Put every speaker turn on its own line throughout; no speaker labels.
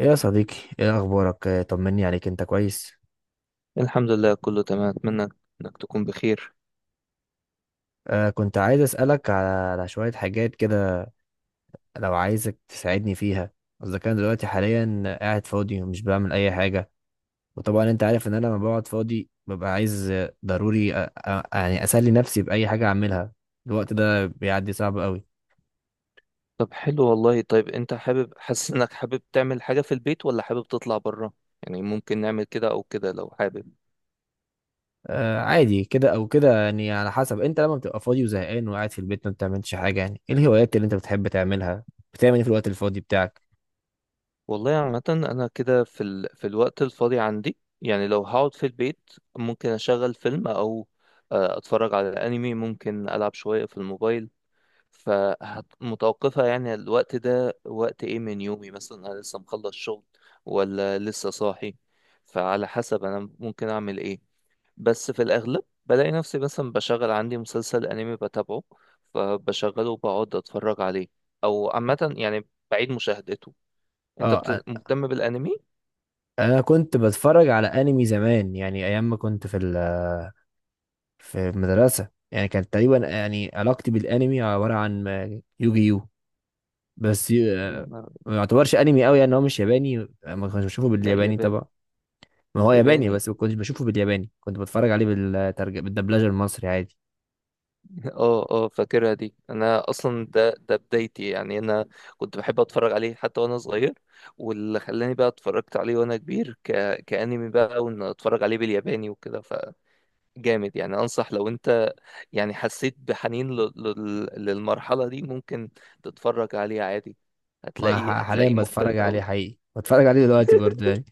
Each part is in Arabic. ايه يا صديقي، ايه اخبارك؟ طمني عليك، انت كويس؟
الحمد لله كله تمام، اتمنى انك تكون بخير.
آه، كنت عايز اسالك على شويه حاجات كده، لو عايزك تساعدني فيها، اذا كان دلوقتي حاليا قاعد فاضي ومش بعمل اي حاجه. وطبعا انت عارف ان انا لما بقعد فاضي ببقى عايز ضروري، يعني اسلي نفسي باي حاجه اعملها. الوقت ده بيعدي صعب قوي.
طب حلو والله. طيب انت حابب، حاسس انك حابب تعمل حاجة في البيت ولا حابب تطلع بره؟ يعني ممكن نعمل كده او كده لو حابب.
آه، عادي كده او كده، يعني على حسب. انت لما بتبقى فاضي وزهقان وقاعد في البيت ما بتعملش حاجه، يعني ايه الهوايات اللي انت بتحب تعملها؟ بتعمل ايه في الوقت الفاضي بتاعك؟
والله عامة انا كده في الوقت الفاضي عندي، يعني لو هقعد في البيت ممكن اشغل فيلم او اتفرج على انمي، ممكن العب شوية في الموبايل. فمتوقفة يعني الوقت ده وقت ايه من يومي، مثلا انا لسه مخلص شغل ولا لسه صاحي، فعلى حسب انا ممكن اعمل ايه. بس في الأغلب بلاقي نفسي مثلا بشغل عندي مسلسل أنمي بتابعه، فبشغله وبقعد أتفرج عليه، أو عامة يعني بعيد مشاهدته.
اه،
مهتم بالأنمي؟
انا كنت بتفرج على انمي زمان، يعني ايام ما كنت في في المدرسه. يعني كانت تقريبا يعني علاقتي بالانمي عباره عن يوجي يو. بس
يا
يو-
نهار!
ما يعتبرش انمي قوي، يعني هو مش ياباني، ما كنتش بشوفه
لا
بالياباني
ياباني،
طبعا. ما هو ياباني،
ياباني
بس ما كنتش بشوفه بالياباني، كنت بتفرج عليه بالترجمه، بالدبلجه المصري عادي.
اه اه، فاكرها دي. انا اصلا ده بدايتي، يعني انا كنت بحب اتفرج عليه حتى وانا صغير. واللي خلاني بقى اتفرجت عليه وانا كبير كأنمي بقى، وان اتفرج عليه بالياباني وكده، جامد. يعني انصح لو انت يعني حسيت بحنين للمرحلة دي، ممكن تتفرج عليه عادي.
ما
هتلاقي
ح- حاليا
هتلاقيه
بتفرج
مختلف
عليه،
قوي.
حقيقي بتفرج عليه دلوقتي برضه يعني.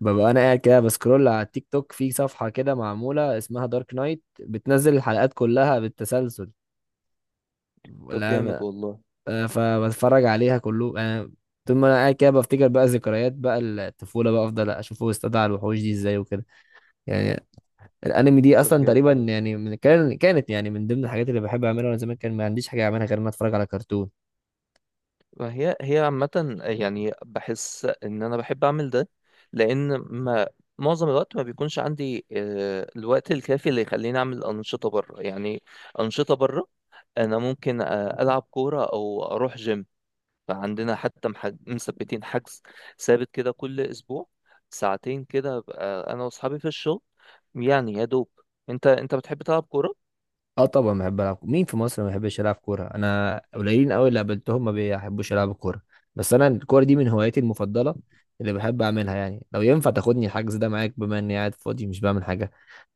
ببقى انا قاعد كده بسكرول على التيك توك، في صفحه كده معموله اسمها دارك نايت، بتنزل الحلقات كلها بالتسلسل.
طب جامد
لا.
والله.
فبتفرج عليها كله. انا طول ما انا قاعد كده بفتكر بقى ذكريات بقى الطفوله، بقى افضل اشوفه واستدعى على الوحوش دي ازاي وكده يعني. الانمي دي
طب
اصلا
جامد.
تقريبا يعني من كان كانت يعني من ضمن الحاجات اللي بحب اعملها وانا زمان، كان ما عنديش حاجه اعملها غير ان أنا اتفرج على كرتون.
ما هي عامة يعني بحس ان انا بحب اعمل ده، لان ما معظم الوقت ما بيكونش عندي الوقت الكافي اللي يخليني اعمل انشطة بره، يعني انشطة بره. انا ممكن العب كورة او اروح جيم. فعندنا حتى مثبتين حجز ثابت كده كل اسبوع، ساعتين كده بقى انا واصحابي في الشغل، يعني يا دوب. انت بتحب تلعب كوره؟
اه طبعا بحب العب. مين في مصر ما بيحبش يلعب كوره؟ انا قليلين قوي اللي قابلتهم ما بيحبوش يلعبوا كوره. بس انا الكوره دي من هواياتي المفضله اللي بحب اعملها. يعني لو ينفع تاخدني الحجز ده معاك بما اني قاعد فاضي مش بعمل حاجه،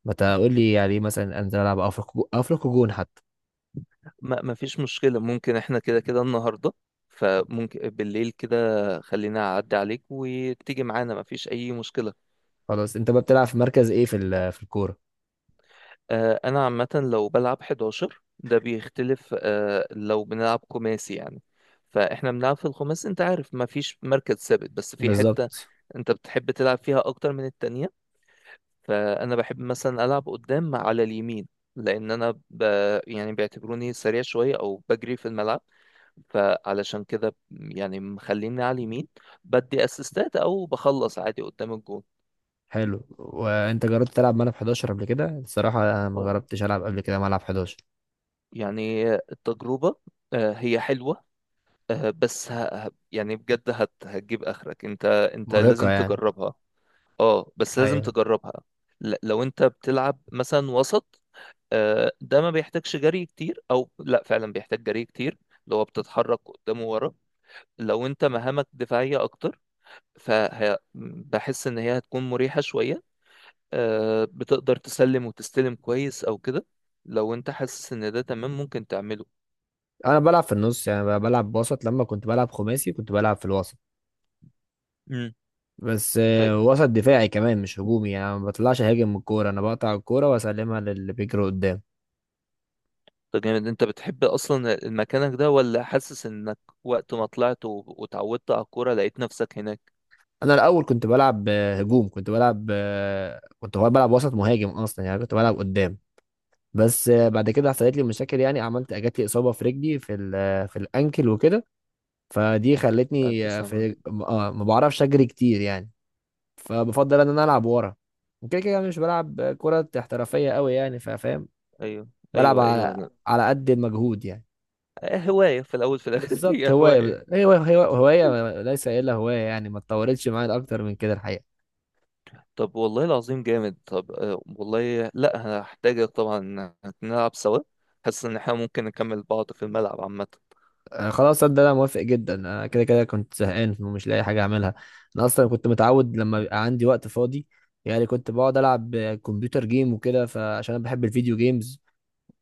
ما تقول لي يعني مثلا انزل العب، افرق جون حتى.
ما فيش مشكله، ممكن احنا كده كده النهارده، فممكن بالليل كده، خلينا اعدي عليك وتيجي معانا، ما فيش اي مشكله.
خلاص، انت بقى بتلعب في مركز ايه في في الكوره؟
انا عامه لو بلعب 11 ده بيختلف، لو بنلعب خماسي يعني. فاحنا بنلعب في الخماسي، انت عارف ما فيش مركز ثابت، بس في حته
بالظبط.
انت بتحب تلعب فيها اكتر من التانية. فانا بحب مثلا العب قدام على اليمين، لان انا ب... يعني بيعتبروني سريع شويه او بجري في الملعب، فعلشان كده يعني مخليني على اليمين، بدي اسيستات او بخلص عادي قدام الجون.
حلو، وانت جربت تلعب ملعب 11 قبل كده؟ الصراحه انا ما
آه.
جربتش العب قبل كده ملعب 11.
يعني التجربه هي حلوه، بس يعني بجد هتجيب اخرك، انت
مرهقه
لازم
يعني.
تجربها. اه بس لازم
ايوه،
تجربها. لو انت بتلعب مثلا وسط، ده ما بيحتاجش جري كتير، او لا فعلا بيحتاج جري كتير، اللي هو بتتحرك قدام وورا. لو انت مهامك دفاعية اكتر، فبحس ان هي هتكون مريحة شوية، بتقدر تسلم وتستلم كويس او كده. لو انت حاسس ان ده تمام ممكن تعمله.
انا بلعب في النص، يعني بلعب وسط. لما كنت بلعب خماسي كنت بلعب في الوسط.
مم.
بس
طيب
وسط دفاعي كمان، مش هجومي. يعني أنا ما بطلعش هاجم من الكوره، انا بقطع الكوره واسلمها للي بيجري قدام.
ده جامد. انت بتحب اصلا المكانك ده، ولا حاسس انك وقت ما طلعت واتعودت على الكورة لقيت نفسك هناك؟
انا الاول كنت بلعب هجوم، كنت بلعب كنت هو بلعب وسط مهاجم اصلا، يعني كنت بلعب قدام. بس بعد كده حصلت لي مشاكل، يعني عملت جات لي اصابه في رجلي في في الانكل وكده. فدي خلتني
ألف
آه،
سلام
في
عليكم.
آه، ما بعرفش اجري كتير يعني. فبفضل ان انا العب ورا. وكده كده أنا مش بلعب كره احترافيه قوي يعني، فاهم؟
ايوه
بلعب
ايوه،
على قد المجهود يعني.
هواية في الاول في الاخر
بالظبط،
هي هواية.
هوايه، هي هوايه، هواية ليس الا، هوايه يعني ما اتطورتش معايا اكتر من كده الحقيقه.
طب والله العظيم جامد. طب والله لا هحتاجك طبعا، إن نلعب سوا. حاسس ان احنا ممكن نكمل بعض في الملعب عامة.
خلاص، صدق انا موافق جدا. انا كده كده كنت زهقان ومش لاقي حاجه اعملها. انا اصلا كنت متعود لما بيبقى عندي وقت فاضي، يعني كنت بقعد العب كمبيوتر جيم وكده، فعشان انا بحب الفيديو جيمز،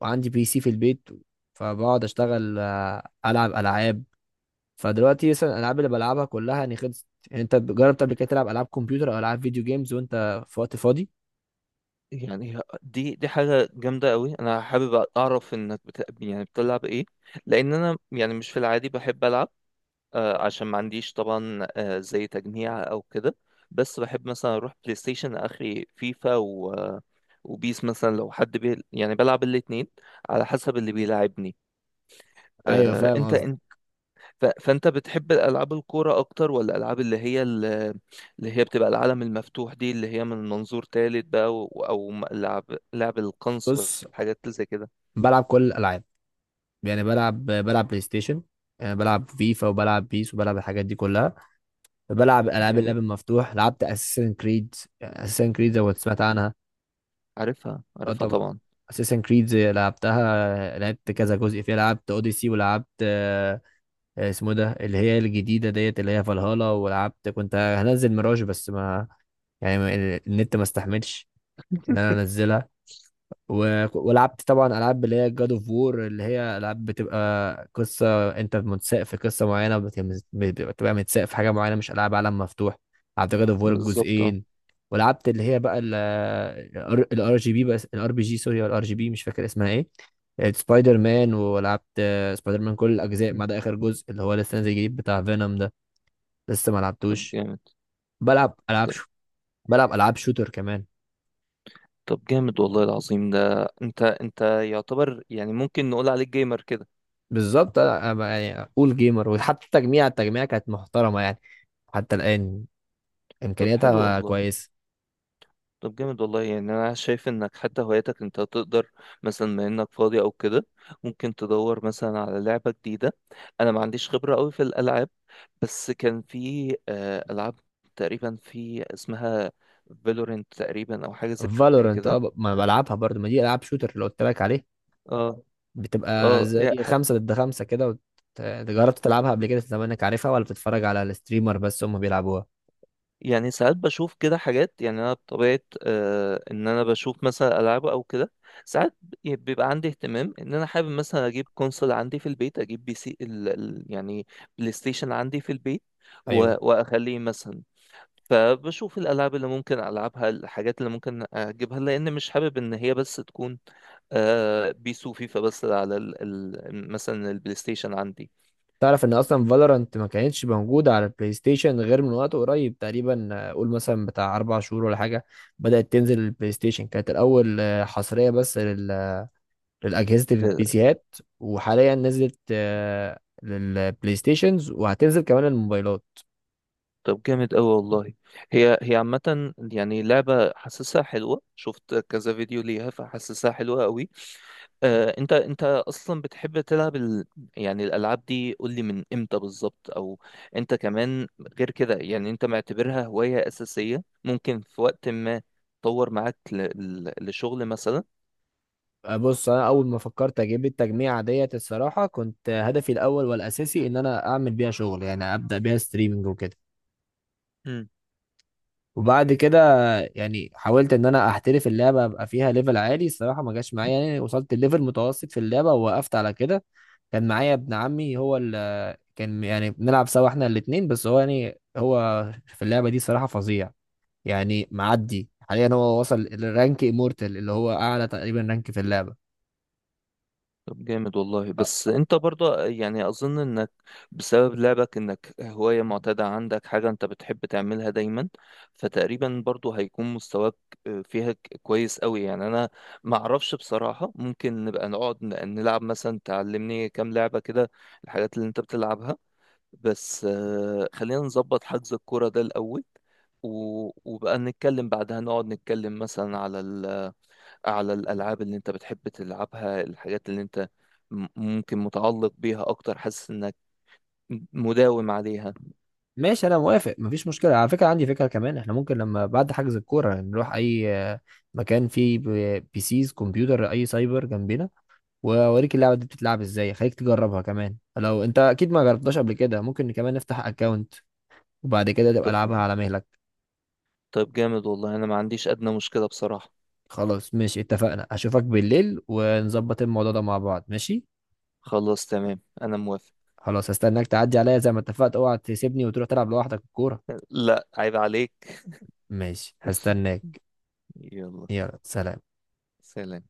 وعندي بي سي في البيت. فبقعد اشتغل العب العاب. فدلوقتي مثلا الالعاب اللي بلعبها كلها يعني خلصت. يعني انت جربت قبل كده تلعب العاب كمبيوتر او العاب فيديو جيمز وانت في وقت فاضي؟
يعني دي حاجة جامدة قوي. انا حابب اعرف انك يعني بتلعب ايه؟ لان انا يعني مش في العادي بحب العب، عشان ما عنديش طبعا زي تجميع او كده. بس بحب مثلا اروح بلاي ستيشن اخري فيفا وبيس، مثلا لو حد يعني بلعب الاتنين على حسب اللي بيلعبني.
ايوه فاهم
انت
قصدي.
فانت بتحب الالعاب الكوره اكتر، ولا الالعاب اللي هي بتبقى العالم المفتوح دي، اللي هي من منظور تالت بقى، لعب، لعب القنص
بص،
والحاجات اللي زي كده؟
بلعب كل الالعاب، يعني بلعب بلعب بلاي ستيشن، بلعب فيفا وبلعب بيس وبلعب الحاجات دي كلها. بلعب العاب الاب
جامد.
المفتوح، لعبت اساسن كريد. اساسن كريد زي ما سمعت عنها.
عارفها
اه
عارفها
طبعا.
طبعا.
اساسن كريد لعبتها، لعبت كذا جزء فيها، لعبت اوديسي ولعبت اسمه إيه ده اللي هي الجديده ديت، اللي هي فالهالا. ولعبت كنت هنزل ميراج بس، ما يعني ما- النت ما استحملش ان انا انزلها. ولعبت طبعا العاب اللي هي جاد اوف وور، اللي هي العاب بتبقى قصه، انت متساق في قصه معينه، بتبقى متساق في حاجه معينه، مش العاب عالم مفتوح. لعبت جاد اوف وور
بالظبط اه.
الجزئين. ولعبت اللي هي بقى الار جي بي، بس الار بي جي سوري، الار جي بي مش فاكر اسمها ايه. سبايدر مان، ولعبت سبايدر مان كل الاجزاء ما
م.
عدا اخر جزء اللي هو لسه نازل جديد بتاع فينوم ده، لسه ما
طب
لعبتوش.
جامد.
بلعب العاب
طب.
شو، بلعب العاب شوتر كمان.
طب جامد والله العظيم. ده انت يعتبر، يعني ممكن نقول عليك جيمر كده.
بالظبط، أنا يعني اقول جيمر. وحتى التجميع، كانت محترمه يعني، حتى الان
طب حلو
امكانياتها
والله.
كويسه.
طب جامد والله. يعني انا شايف انك حتى هواياتك انت تقدر مثلا، ما انك فاضي او كده، ممكن تدور مثلا على لعبة جديدة. انا ما عنديش خبرة قوي في الالعاب، بس كان في العاب تقريبا، في اسمها فالورنت تقريبا او حاجة زي
فالورنت، اه
كده.
ما بلعبها برضو، ما دي العاب شوتر اللي قلت لك عليه.
اه
بتبقى
اه.
زي
يعني
خمسة ضد خمسة كده جربت تلعبها قبل كده؟ زمانك عارفها ولا بتتفرج على الستريمر بس هم بيلعبوها؟
يعني ساعات بشوف كده حاجات. يعني انا بطبيعه آه ان انا بشوف مثلا العاب او كده، ساعات بيبقى عندي اهتمام ان انا حابب مثلا اجيب كونسول عندي في البيت، اجيب بي سي ال يعني بلاي ستيشن عندي في البيت،
ايوه.
واخليه مثلا. فبشوف الالعاب اللي ممكن العبها، الحاجات اللي ممكن اجيبها، لان مش حابب ان هي بس تكون آه بيس وفيفا بس على ال مثلا البلاي ستيشن عندي.
تعرف ان اصلا فالورنت ما كانتش موجوده على البلاي ستيشن غير من وقت قريب تقريبا، قول مثلا بتاع 4 شهور ولا حاجه. بدات تنزل البلاي ستيشن. كانت الاول حصريه بس لأجهزة البي سيهات، وحاليا نزلت للبلاي ستيشنز وهتنزل كمان الموبايلات.
طب جامد قوي والله. هي عامة يعني لعبة حاسسها حلوة، شفت كذا فيديو ليها فحاسسها حلوة قوي. آه انت اصلا بتحب تلعب يعني الالعاب دي، قول لي من امتى بالظبط. او انت كمان غير كده، يعني انت معتبرها هواية اساسية ممكن في وقت ما تطور معاك لشغل مثلا؟
بص انا اول ما فكرت اجيب التجميعة ديت الصراحة كنت هدفي الاول والاساسي ان انا اعمل بيها شغل، يعني ابدا بيها ستريمنج وكده. وبعد كده يعني حاولت ان انا احترف اللعبة ابقى فيها ليفل عالي، الصراحة ما جاش معايا يعني. وصلت الليفل متوسط في اللعبة ووقفت على كده. كان معايا ابن عمي، هو ال كان يعني بنلعب سوا احنا الاتنين، بس هو يعني هو في اللعبة دي صراحة فظيع يعني. معدي حاليا هو وصل للرانك امورتال اللي هو اعلى تقريبا رانك في اللعبه.
طب جامد والله. بس انت برضه يعني اظن انك بسبب لعبك، انك هواية معتادة عندك، حاجة انت بتحب تعملها دايما، فتقريبا برضه هيكون مستواك فيها كويس قوي. يعني انا ما اعرفش بصراحة، ممكن نبقى نقعد نلعب، مثلا تعلمني كام لعبة كده، الحاجات اللي انت بتلعبها. بس خلينا نظبط حجز الكورة ده الاول، وبقى نتكلم بعدها، نقعد نتكلم مثلا على على الألعاب اللي أنت بتحب تلعبها، الحاجات اللي أنت ممكن متعلق بيها أكتر، حاسس إنك مداوم عليها.
ماشي، انا موافق مفيش مشكله. على فكره عندي فكره كمان، احنا ممكن لما بعد حجز الكوره نروح اي مكان فيه بيسيز كمبيوتر، اي سايبر جنبنا، واوريك اللعبه دي بتتلعب ازاي، خليك تجربها كمان لو انت اكيد ما جربتهاش قبل كده. ممكن كمان نفتح اكونت، وبعد كده تبقى
طب.
العبها على مهلك.
طب جامد والله، أنا ما عنديش أدنى مشكلة بصراحة.
خلاص ماشي اتفقنا، اشوفك بالليل ونظبط الموضوع ده مع بعض، ماشي؟
خلاص تمام أنا موافق.
خلاص هستناك تعدي عليا زي ما اتفقت، اوعى تسيبني وتروح تلعب لوحدك الكوره.
لا عيب عليك.
ماشي هستناك.
يلا
يلا سلام.
سلام.